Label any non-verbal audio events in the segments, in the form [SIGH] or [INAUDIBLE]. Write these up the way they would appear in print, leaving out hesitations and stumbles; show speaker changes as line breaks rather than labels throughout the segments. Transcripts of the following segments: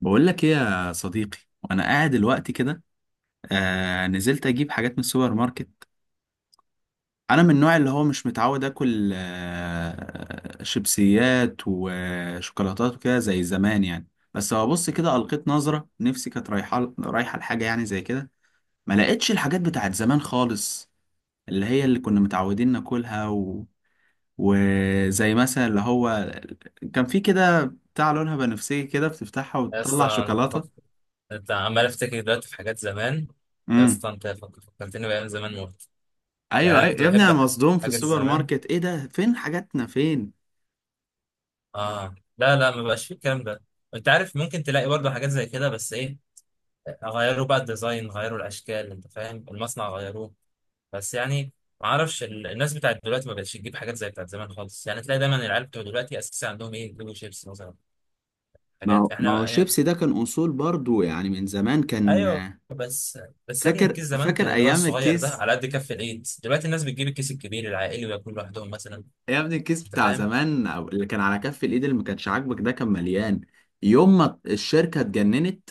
بقول لك ايه يا صديقي، وانا قاعد دلوقتي كده. نزلت اجيب حاجات من السوبر ماركت. انا من النوع اللي هو مش متعود اكل شيبسيات وشوكولاتات وكده زي زمان يعني. بس هو بص كده القيت نظرة نفسي كانت رايحه لحاجه يعني زي كده، ما لقيتش الحاجات بتاعت زمان خالص، اللي هي اللي كنا متعودين ناكلها و... وزي مثلا اللي هو كان في كده بتاع لونها بنفسجي كده بتفتحها
يا
وتطلع
اسطى
شوكولاتة.
انت عمال افتكر دلوقتي في حاجات زمان. يا
امم
اسطى فكرتني بايام زمان موت. يعني
ايوه
انا
ايوه
كنت
يا ابني، انا
بحب
مصدوم في
حاجات
السوبر
زمان.
ماركت، ايه ده، فين حاجاتنا فين؟
اه، لا ما بقاش فيه الكلام ده. انت عارف ممكن تلاقي برضه حاجات زي كده، بس ايه، غيروا بقى الديزاين، غيروا الاشكال، انت فاهم، المصنع غيروه. بس يعني ما اعرفش الناس بتاعت دلوقتي ما بقتش تجيب حاجات زي بتاعت زمان خالص، يعني تلاقي دايما العيال بتوع دلوقتي اساسا عندهم ايه، يجيبوا شيبس مثلا.
ما هو
حاجات
ما هو
احنا.
الشيبسي ده كان اصول برضو يعني، من زمان كان.
ايوه بس، بس يا ابني
فاكر
الكيس زمان
فاكر
كان اللي هو
ايام
الصغير ده
الكيس.
على قد كف الايد، دلوقتي الناس بتجيب الكيس الكبير العائلي وياكلوا لوحدهم مثلا.
يا ابني الكيس
انت
بتاع
فاهم.
زمان او اللي كان على كف الايد اللي ما كانش عاجبك ده كان مليان. يوم ما الشركه اتجننت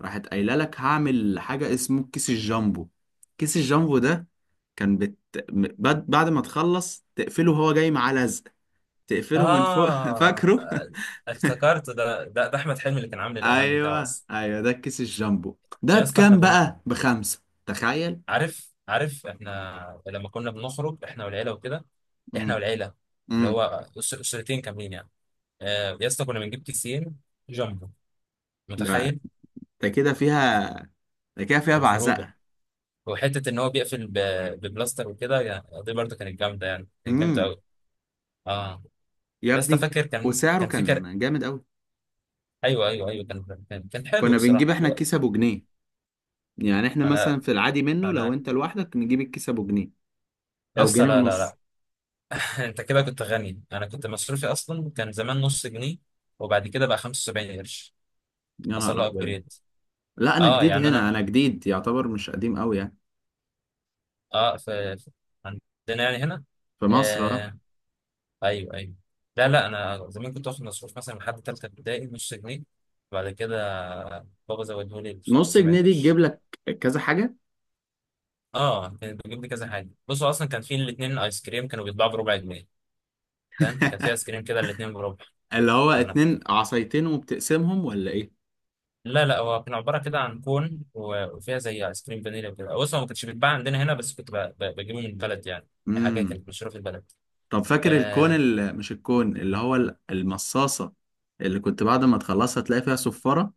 راحت قايله لك هعمل حاجه اسمه كيس الجامبو. كيس الجامبو ده كان بت... بعد ما تخلص تقفله وهو جاي معاه لزق، تقفله من فوق [LAUGHS]
اه
فاكره.
افتكرت، ده احمد حلمي اللي كان عامل الاعلان بتاعه
ايوه
اصلا.
ايوه ده الكيس الجامبو. ده
يا اسطى احنا
بكام
كنا،
بقى؟ بخمسة، تخيل.
عارف احنا لما كنا بنخرج احنا والعيله وكده، احنا
امم
والعيله، اللي
امم
هو اسرتين كاملين يعني. آه يا اسطى كنا بنجيب كيسين جامبو،
ده
متخيل؟
ده كده فيها ده كده فيها
من خروجه،
بعزقة.
وحته ان هو بيقفل ببلاستر وكده، يعني دي برضه كانت جامده، يعني كانت
امم
جامده. اه.
يا
يا اسطى
ابني،
فاكر، كان
وسعره
كان فكر.
كان جامد قوي.
ايوه كان حلو
كنا بنجيب
بصراحه
احنا
دلوقتي.
الكيس ابو جنيه، يعني احنا
انا
مثلا في العادي منه لو
انا
انت لوحدك نجيب الكيس ابو جنيه
يا
او
اسطى،
جنيه
لا.
ونص.
[LAUGHS] انت كده كنت غني، انا كنت مصروفي اصلا كان زمان نص جنيه، وبعد كده بقى 75 قرش.
يا
حصل
نهار
له
ابيض!
ابجريد.
لا انا
اه
جديد
يعني
هنا،
انا،
انا جديد يعتبر، مش قديم قوي يعني.
اه عندنا يعني هنا.
في مصر، اه.
آه. ايوه ايوه. لا انا زمان كنت واخد مصروف مثلا لحد ثالثه ابتدائي نص جنيه، وبعد كده بابا زوده لي
نص جنيه
75
دي تجيب
قرش.
لك كذا حاجة.
اه كانت بتجيب لي كذا حاجه. بصوا اصلا كان في الاثنين ايس كريم كانوا بيتباعوا بربع جنيه. فاهم؟ كان في ايس
[LAUGHS]
كريم كده الاثنين بربع.
اللي هو
كان،
اتنين عصايتين وبتقسمهم ولا ايه؟
لا هو كان عباره كده عن كون وفيها زي ايس كريم فانيليا وكده. بص هو ما كانش بيتباع عندنا هنا، بس كنت بجيبه من البلد يعني. دي حاجه
امم
كانت مشهوره في البلد.
طب فاكر الكون،
اه.
اللي مش الكون، اللي هو المصاصة اللي كنت بعد ما تخلصها تلاقي فيها صفارة.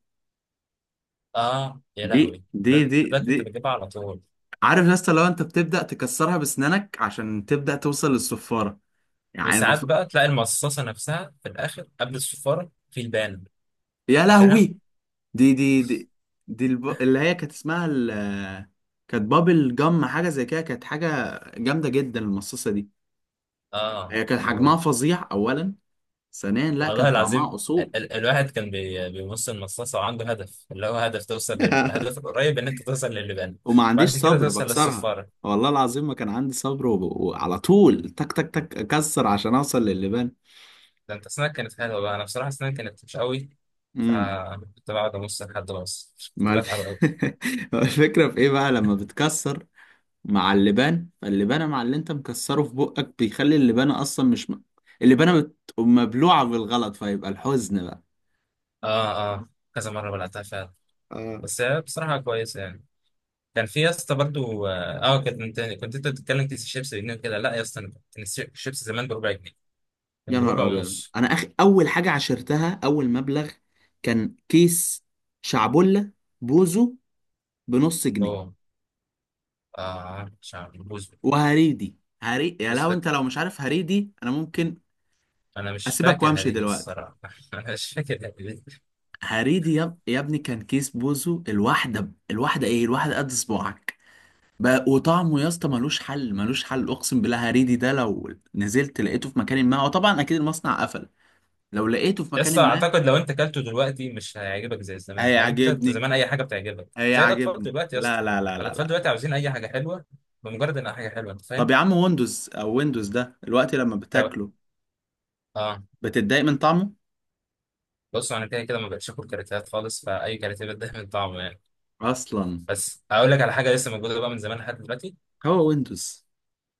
آه يا
دي
لهوي،
دي
ده,
دي
ده, ده
دي.
كنت بجيبها على طول.
عارف يا اسطى لو انت بتبدأ تكسرها بسنانك عشان تبدأ توصل للصفارة، يعني
وساعات
المفروض.
بقى تلاقي المصاصه نفسها في الاخر قبل الصفاره في البان.
يا
فاكرها؟
لهوي! دي دي اللي هي كانت اسمها كانت بابل جم حاجة زي كده، كانت حاجة جامدة جدا المصاصة دي.
اه.
هي كان حجمها فظيع أولا، ثانيا لا
والله
كان طعمها
العظيم
أصول.
ال الواحد كان بيبص المصاصة وعنده هدف، اللي هو هدف توصل
[LAUGHS]
للهدف القريب، ان انت توصل للبان.
وما عنديش
بعد كده
صبر
توصل
بكسرها.
للصفارة.
والله العظيم ما كان عندي صبر، وعلى طول تك تك تك اكسر عشان اوصل للبان.
ده انت اسنانك كانت حلوة بقى، انا بصراحة اسناني كانت مش قوي.
امم
فكنت بقعد ابص لحد ما اوصل، كنت
ما الف...
بتعب قوي.
[LAUGHS] ما الفكره في ايه بقى لما بتكسر مع اللبان، فاللبانه مع اللي انت مكسره في بقك بيخلي اللبانه اصلا مش م... اللبانه مبلوعه بالغلط، فيبقى الحزن بقى.
اه كذا مرة بلعتها فعلا.
آه.
بس هي بصراحة كويسة يعني. كان في يا اسطى برضه اه، آه، كنت انت، كنت انت بتتكلم كيس الشيبس بجنيه وكده، لا يا اسطى انا كنت كيس الشيبس زمان بربع جنيه. كان
يا
بربع
نهار ابيض!
ونص.
انا اخ، اول حاجه عشرتها، اول مبلغ كان كيس شعبولة بوزو بنص جنيه.
اوه. اه مش عارف بوز.
وهريدي. هري، يا لو انت لو مش عارف هريدي انا ممكن
انا مش
اسيبك
فاكر
وامشي
هريدة
دلوقتي.
الصراحه. [LAUGHS] انا مش فاكر هريدة.
هريدي يا ابني كان كيس بوزو الواحده الواحده ايه، الواحده قد صباعك بقى. وطعمه يا اسطى ملوش حل، ملوش حل، اقسم بالله. هريدي ده لو نزلت لقيته في مكان، ما هو طبعا اكيد المصنع قفل، لو لقيته في مكان
يسطا
ما...
اعتقد لو انت اكلته دلوقتي مش هيعجبك زي زمان، يعني انت، أنت
هيعجبني
زمان اي حاجه بتعجبك زي الاطفال
هيعجبني،
دلوقتي يا اسطى.
لا لا لا لا
الاطفال
لا.
دلوقتي عاوزين اي حاجه حلوه، بمجرد انها حاجه حلوه، انت
طب
فاهم؟
يا عم ويندوز، او ويندوز ده الوقت لما
ده
بتاكله
اه.
بتتضايق من طعمه
بص انا كده كده ما بقتش اكل كاراتيهات خالص، فاي كاراتيه بتضايق من طعمه يعني.
اصلا؟
بس هقول لك على حاجه لسه موجوده بقى من زمان لحد دلوقتي.
هو ويندوز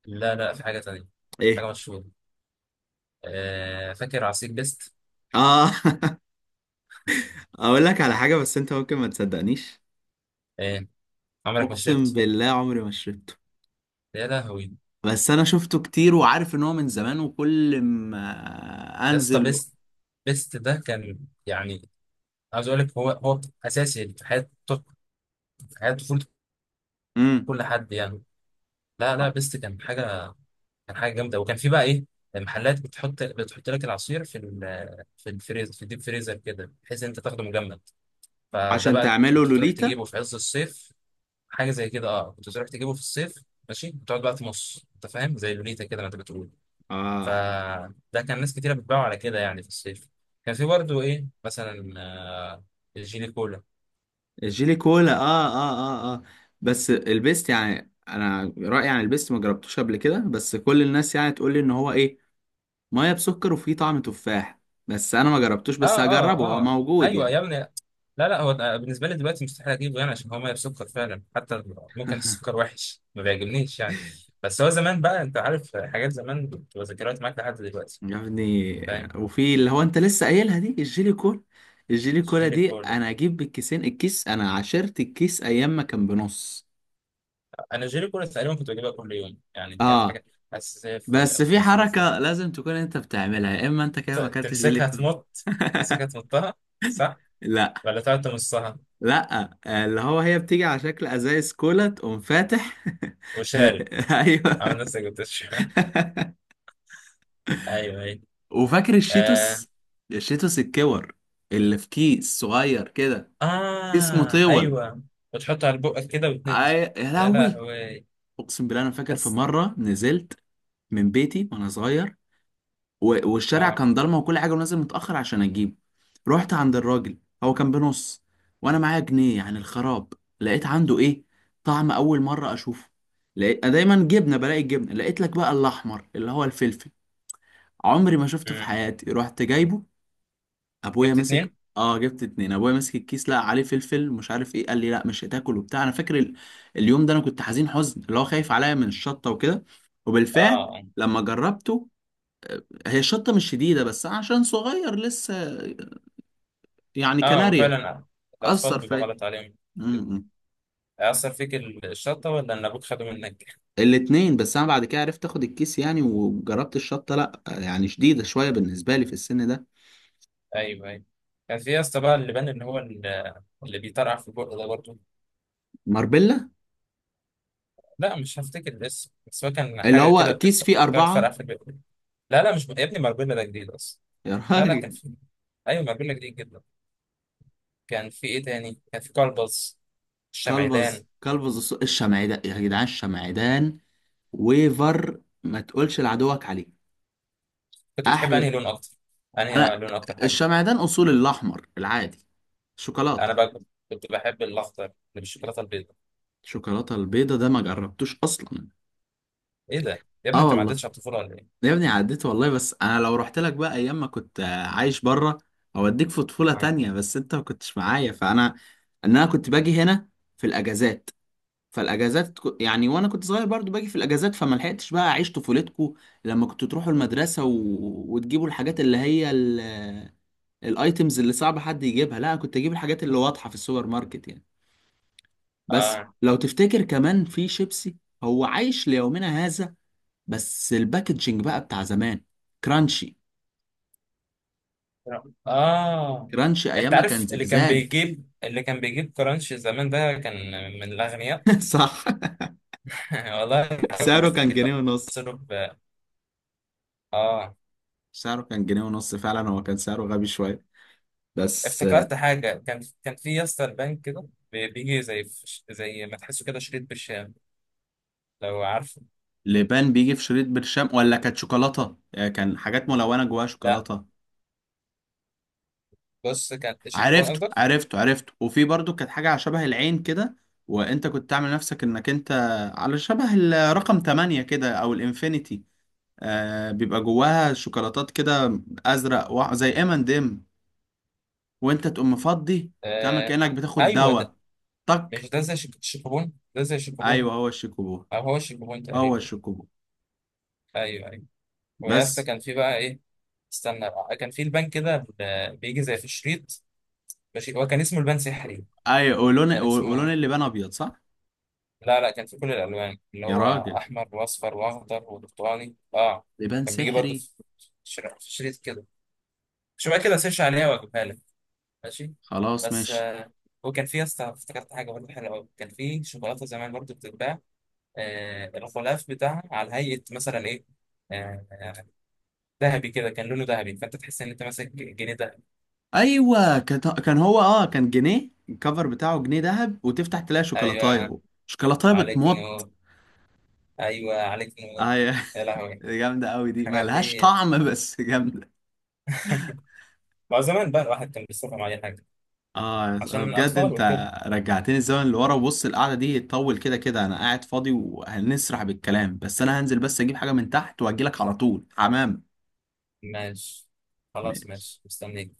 لا في حاجه تانيه.
ايه؟
حاجه مشهوره. آه، فاكر عصير بيست؟
اه. [LAUGHS] اقول لك على حاجة بس انت ممكن ما تصدقنيش.
آه. عمرك ما
اقسم
شربت؟
بالله عمري ما شربته،
يا لهوي.
بس انا شفته كتير وعارف ان هو من زمان وكل ما
يا اسطى
انزل.
بيست، بيست ده كان، يعني عاوز اقول لك، هو اساسي في حياه، في حياه طفوله
امم
كل حد يعني. لا بيست كان حاجه، كان حاجه جامده. وكان في بقى ايه، محلات بتحط لك العصير في في الفريزر، في الديب فريزر كده، بحيث إن انت تاخده مجمد. فده
عشان
بقى
تعمله
كنت تروح
لوليتا.
تجيبه في عز الصيف. حاجه زي كده، اه كنت تروح تجيبه في الصيف ماشي، وتقعد بقى تمص، انت فاهم، زي لوليتا كده ما انت بتقول.
اه.
فده كان ناس كتيره بتباعه على كده يعني في الصيف. كان في برضه ايه مثلا، آه، الجيلي كولا.
الجيلي كولا، اه اه اه اه. بس البيست يعني، انا رأيي عن البيست، ما جربتوش قبل كده، بس كل الناس يعني تقول لي ان هو ايه، ميه بسكر وفيه طعم تفاح. بس انا ما جربتوش،
اه
بس هجربه، هو
اه اه
موجود
ايوه يا
يعني.
ابني. لا لا، بالنسبه لي دلوقتي مستحيل اجيبه، يعني عشان هو ميه بسكر فعلا، حتى ممكن السكر وحش ما بيعجبنيش يعني. بس هو زمان بقى، انت عارف حاجات زمان بتبقى ذكريات معاك لحد دلوقتي.
يا ابني
فاهم؟
وفي اللي هو انت لسه قايلها دي الجيلي كولا. الجيلي كولا
جيلي
دي
كولا،
انا اجيب بالكيسين، الكيس انا عشرت الكيس ايام ما كان بنص.
انا جيلي كولا تقريبا كنت بجيبها كل يوم، يعني دي كانت
اه.
حاجه اساسيه في
بس
في
في
مصروف يعني.
حركة لازم تكون انت بتعملها، يا اما انت كده ما اكلتش جيلي
تمسكها
كولا.
تمط، تمسكها تمطها، صح؟
لا.
ولا تقعد تمصها؟
لا آه، اللي هو هي بتيجي على شكل ازايز كولا تقوم فاتح [LAUGHS]
وشارب،
ايوه.
عامل نفسك بتشرب. [LAUGHS] ايوه ايوه.
[LAUGHS] وفاكر
آه.
الشيتوس؟ الشيتوس الكور اللي في كيس صغير كده، كيس
اه
مطول.
ايوه. وتحطها على بقك كده وتنزل.
أي... يا
يا
لهوي!
لهوي.
اقسم بالله انا فاكر في مره نزلت من بيتي وانا صغير والشارع
اه.
كان ضلمه وكل حاجه ونازل متاخر عشان اجيبه. رحت عند الراجل، هو كان بنص وانا معايا جنيه، يعني الخراب. لقيت عنده ايه؟ طعم اول مره اشوفه. لقيت، أنا دايما جبنه بلاقي الجبنه، لقيت لك بقى الاحمر اللي هو الفلفل. عمري ما شفته في
مم.
حياتي. رحت جايبه، ابويا
جبت
ماسك،
اتنين.
اه جبت اتنين، ابويا ماسك الكيس لقى عليه فلفل مش عارف ايه، قال لي لا مش هتاكل وبتاع. انا فاكر اليوم ده انا كنت حزين حزن، اللي هو خايف عليا من الشطه وكده. وبالفعل
اه
لما جربته، آه، هي الشطه مش شديده بس أنا عشان صغير لسه، يعني
اه آه،
كناريا،
وفعلا الاطفال
اثر
بيبقى
فيا.
غلط عليهم كده.
امم
هيأثر فيك الشطة ولا ان ابوك خده منك؟
الاتنين. بس انا بعد كده عرفت اخد الكيس يعني وجربت الشطه، لا آه، يعني شديده شويه بالنسبه لي في السن ده.
ايوه ايوه. كان في يا اسطى بقى اللي بان، اللي هو اللي بيطرقع في البق ده برضه.
ماربيلا،
لا مش هفتكر الاسم، بس هو كان
اللي
حاجة
هو
كده
كيس فيه
بتقعد تفرقع
اربعه.
في البق. لا مش يا ابني، ماربيلا ده جديد اصلا.
يا
لا كان
راجل!
في، ايوه ماربيلا جديد جدا. كان في ايه تاني، كان في كلبز، الشمعدان.
كلبز، كلبز الشمعدان، يا جدعان الشمعدان. ويفر ما تقولش لعدوك عليه.
كنت بتحب انهي
احلى؟
لون اكتر؟ انهي
انا
لون اكتر حاجة؟
الشمعدان اصول، الاحمر العادي، شوكولاته.
انا بقى كنت بحب الاخضر اللي بالشوكولاته البيضاء.
الشوكولاته البيضه ده ما جربتوش اصلا.
ايه ده يا ابني،
اه
انت ما
والله.
عدتش على الطفوله ولا ايه؟
يا ابني عديت والله، بس انا لو رحت لك بقى ايام ما كنت آه، عايش بره، اوديك في طفوله
اه
تانية. بس انت ما كنتش معايا، فانا انا كنت باجي هنا في الاجازات. فالاجازات يعني، وانا كنت صغير برضو باجي في الاجازات، فما لحقتش بقى اعيش طفولتكو لما كنتوا تروحوا المدرسه و... وتجيبوا الحاجات اللي هي الايتمز اللي صعب حد يجيبها. لا كنت اجيب الحاجات اللي واضحه في السوبر ماركت يعني. بس
اه
لو تفتكر كمان في شيبسي هو عايش ليومنا هذا، بس الباكجينج بقى بتاع زمان. كرانشي.
آه.
كرانشي ايام
انت
ما كان
عارف اللي كان
زجزاج.
بيجيب، اللي كان بيجيب كرانش زمان ده كان من الاغنياء.
[LAUGHS] صح.
[LAUGHS] والله.
سعره كان جنيه ونص.
صرف. اه
سعره كان جنيه ونص فعلا، هو كان سعره غبي شويه، بس...
افتكرت حاجه، كان في يا اسطى البنك كده، بيجي زي زي ما تحسه كده شريط بالشام، لو عارفه.
لبان بيجي في شريط برشام، ولا كانت شوكولاتة، آه، كان حاجات ملونة جواها
لا
شوكولاتة.
بص، كان شيكوبون
عرفته
قصدك.
عرفته عرفته. وفي برضو كانت حاجة على شبه العين كده، وانت كنت تعمل نفسك انك انت، على شبه الرقم 8 كده او الانفينيتي. آه بيبقى جواها شوكولاتات كده، ازرق زي ام اند ام، وانت تقوم مفضي تعمل
آه.
كأنك بتاخد
ايوه ده،
دواء. طك.
مش ده زي شيك- شيكوبون ده، زي شيكوبون،
ايوه هو الشيكوبو،
او هو شيك بوينت
هو
تقريبا.
الشيكوبو.
ايوه ايوه. ويا اسطى
بس.
كان في بقى ايه، استنى بقى. كان في البان كده بيجي زي في الشريط ماشي، هو كان اسمه البان سحري.
ايوه، ولون
كان اسمه،
ولون اللبان ابيض صح؟
لا كان في كل الالوان اللي
يا
هو
راجل!
احمر واصفر واخضر وبرتقاني. اه
لبان
كان بيجي برضه
سحري.
في في شريط كده. مش بقى كده سيرش عليها واجيبها لك ماشي؟
خلاص
بس
ماشي.
آه. وكان في يا اسطى افتكرت حاجه برضه حلوه قوي، كان في شوكولاته زمان برضه بتتباع، آه الغلاف بتاعها على هيئه مثلا ايه، آه ذهبي كده، كان لونه ذهبي فانت تحس ان انت ماسك جنيه ده.
ايوه كان هو اه كان جنيه، الكفر بتاعه جنيه ذهب، وتفتح تلاقي
ايوه
شوكولاتايه. شوكولاتايه
عليك
بتمط.
نور. ايوه عليك نور.
ايوه.
يا
[LAUGHS]
لهوي.
جامده قوي دي،
الحاجات
ملهاش
دي،
طعم بس [LAUGHS] جامده.
مع زمان بقى الواحد كان بيصرف على اي حاجه
اه
عشان
بجد
الاطفال
انت
وكده.
رجعتني الزمن اللي ورا. وبص القعده دي تطول، كده كده انا قاعد فاضي وهنسرح بالكلام، بس انا هنزل بس اجيب حاجه من تحت واجيلك على طول، حمام.
ماشي، خلاص
ماشي.
ماشي مستنيك.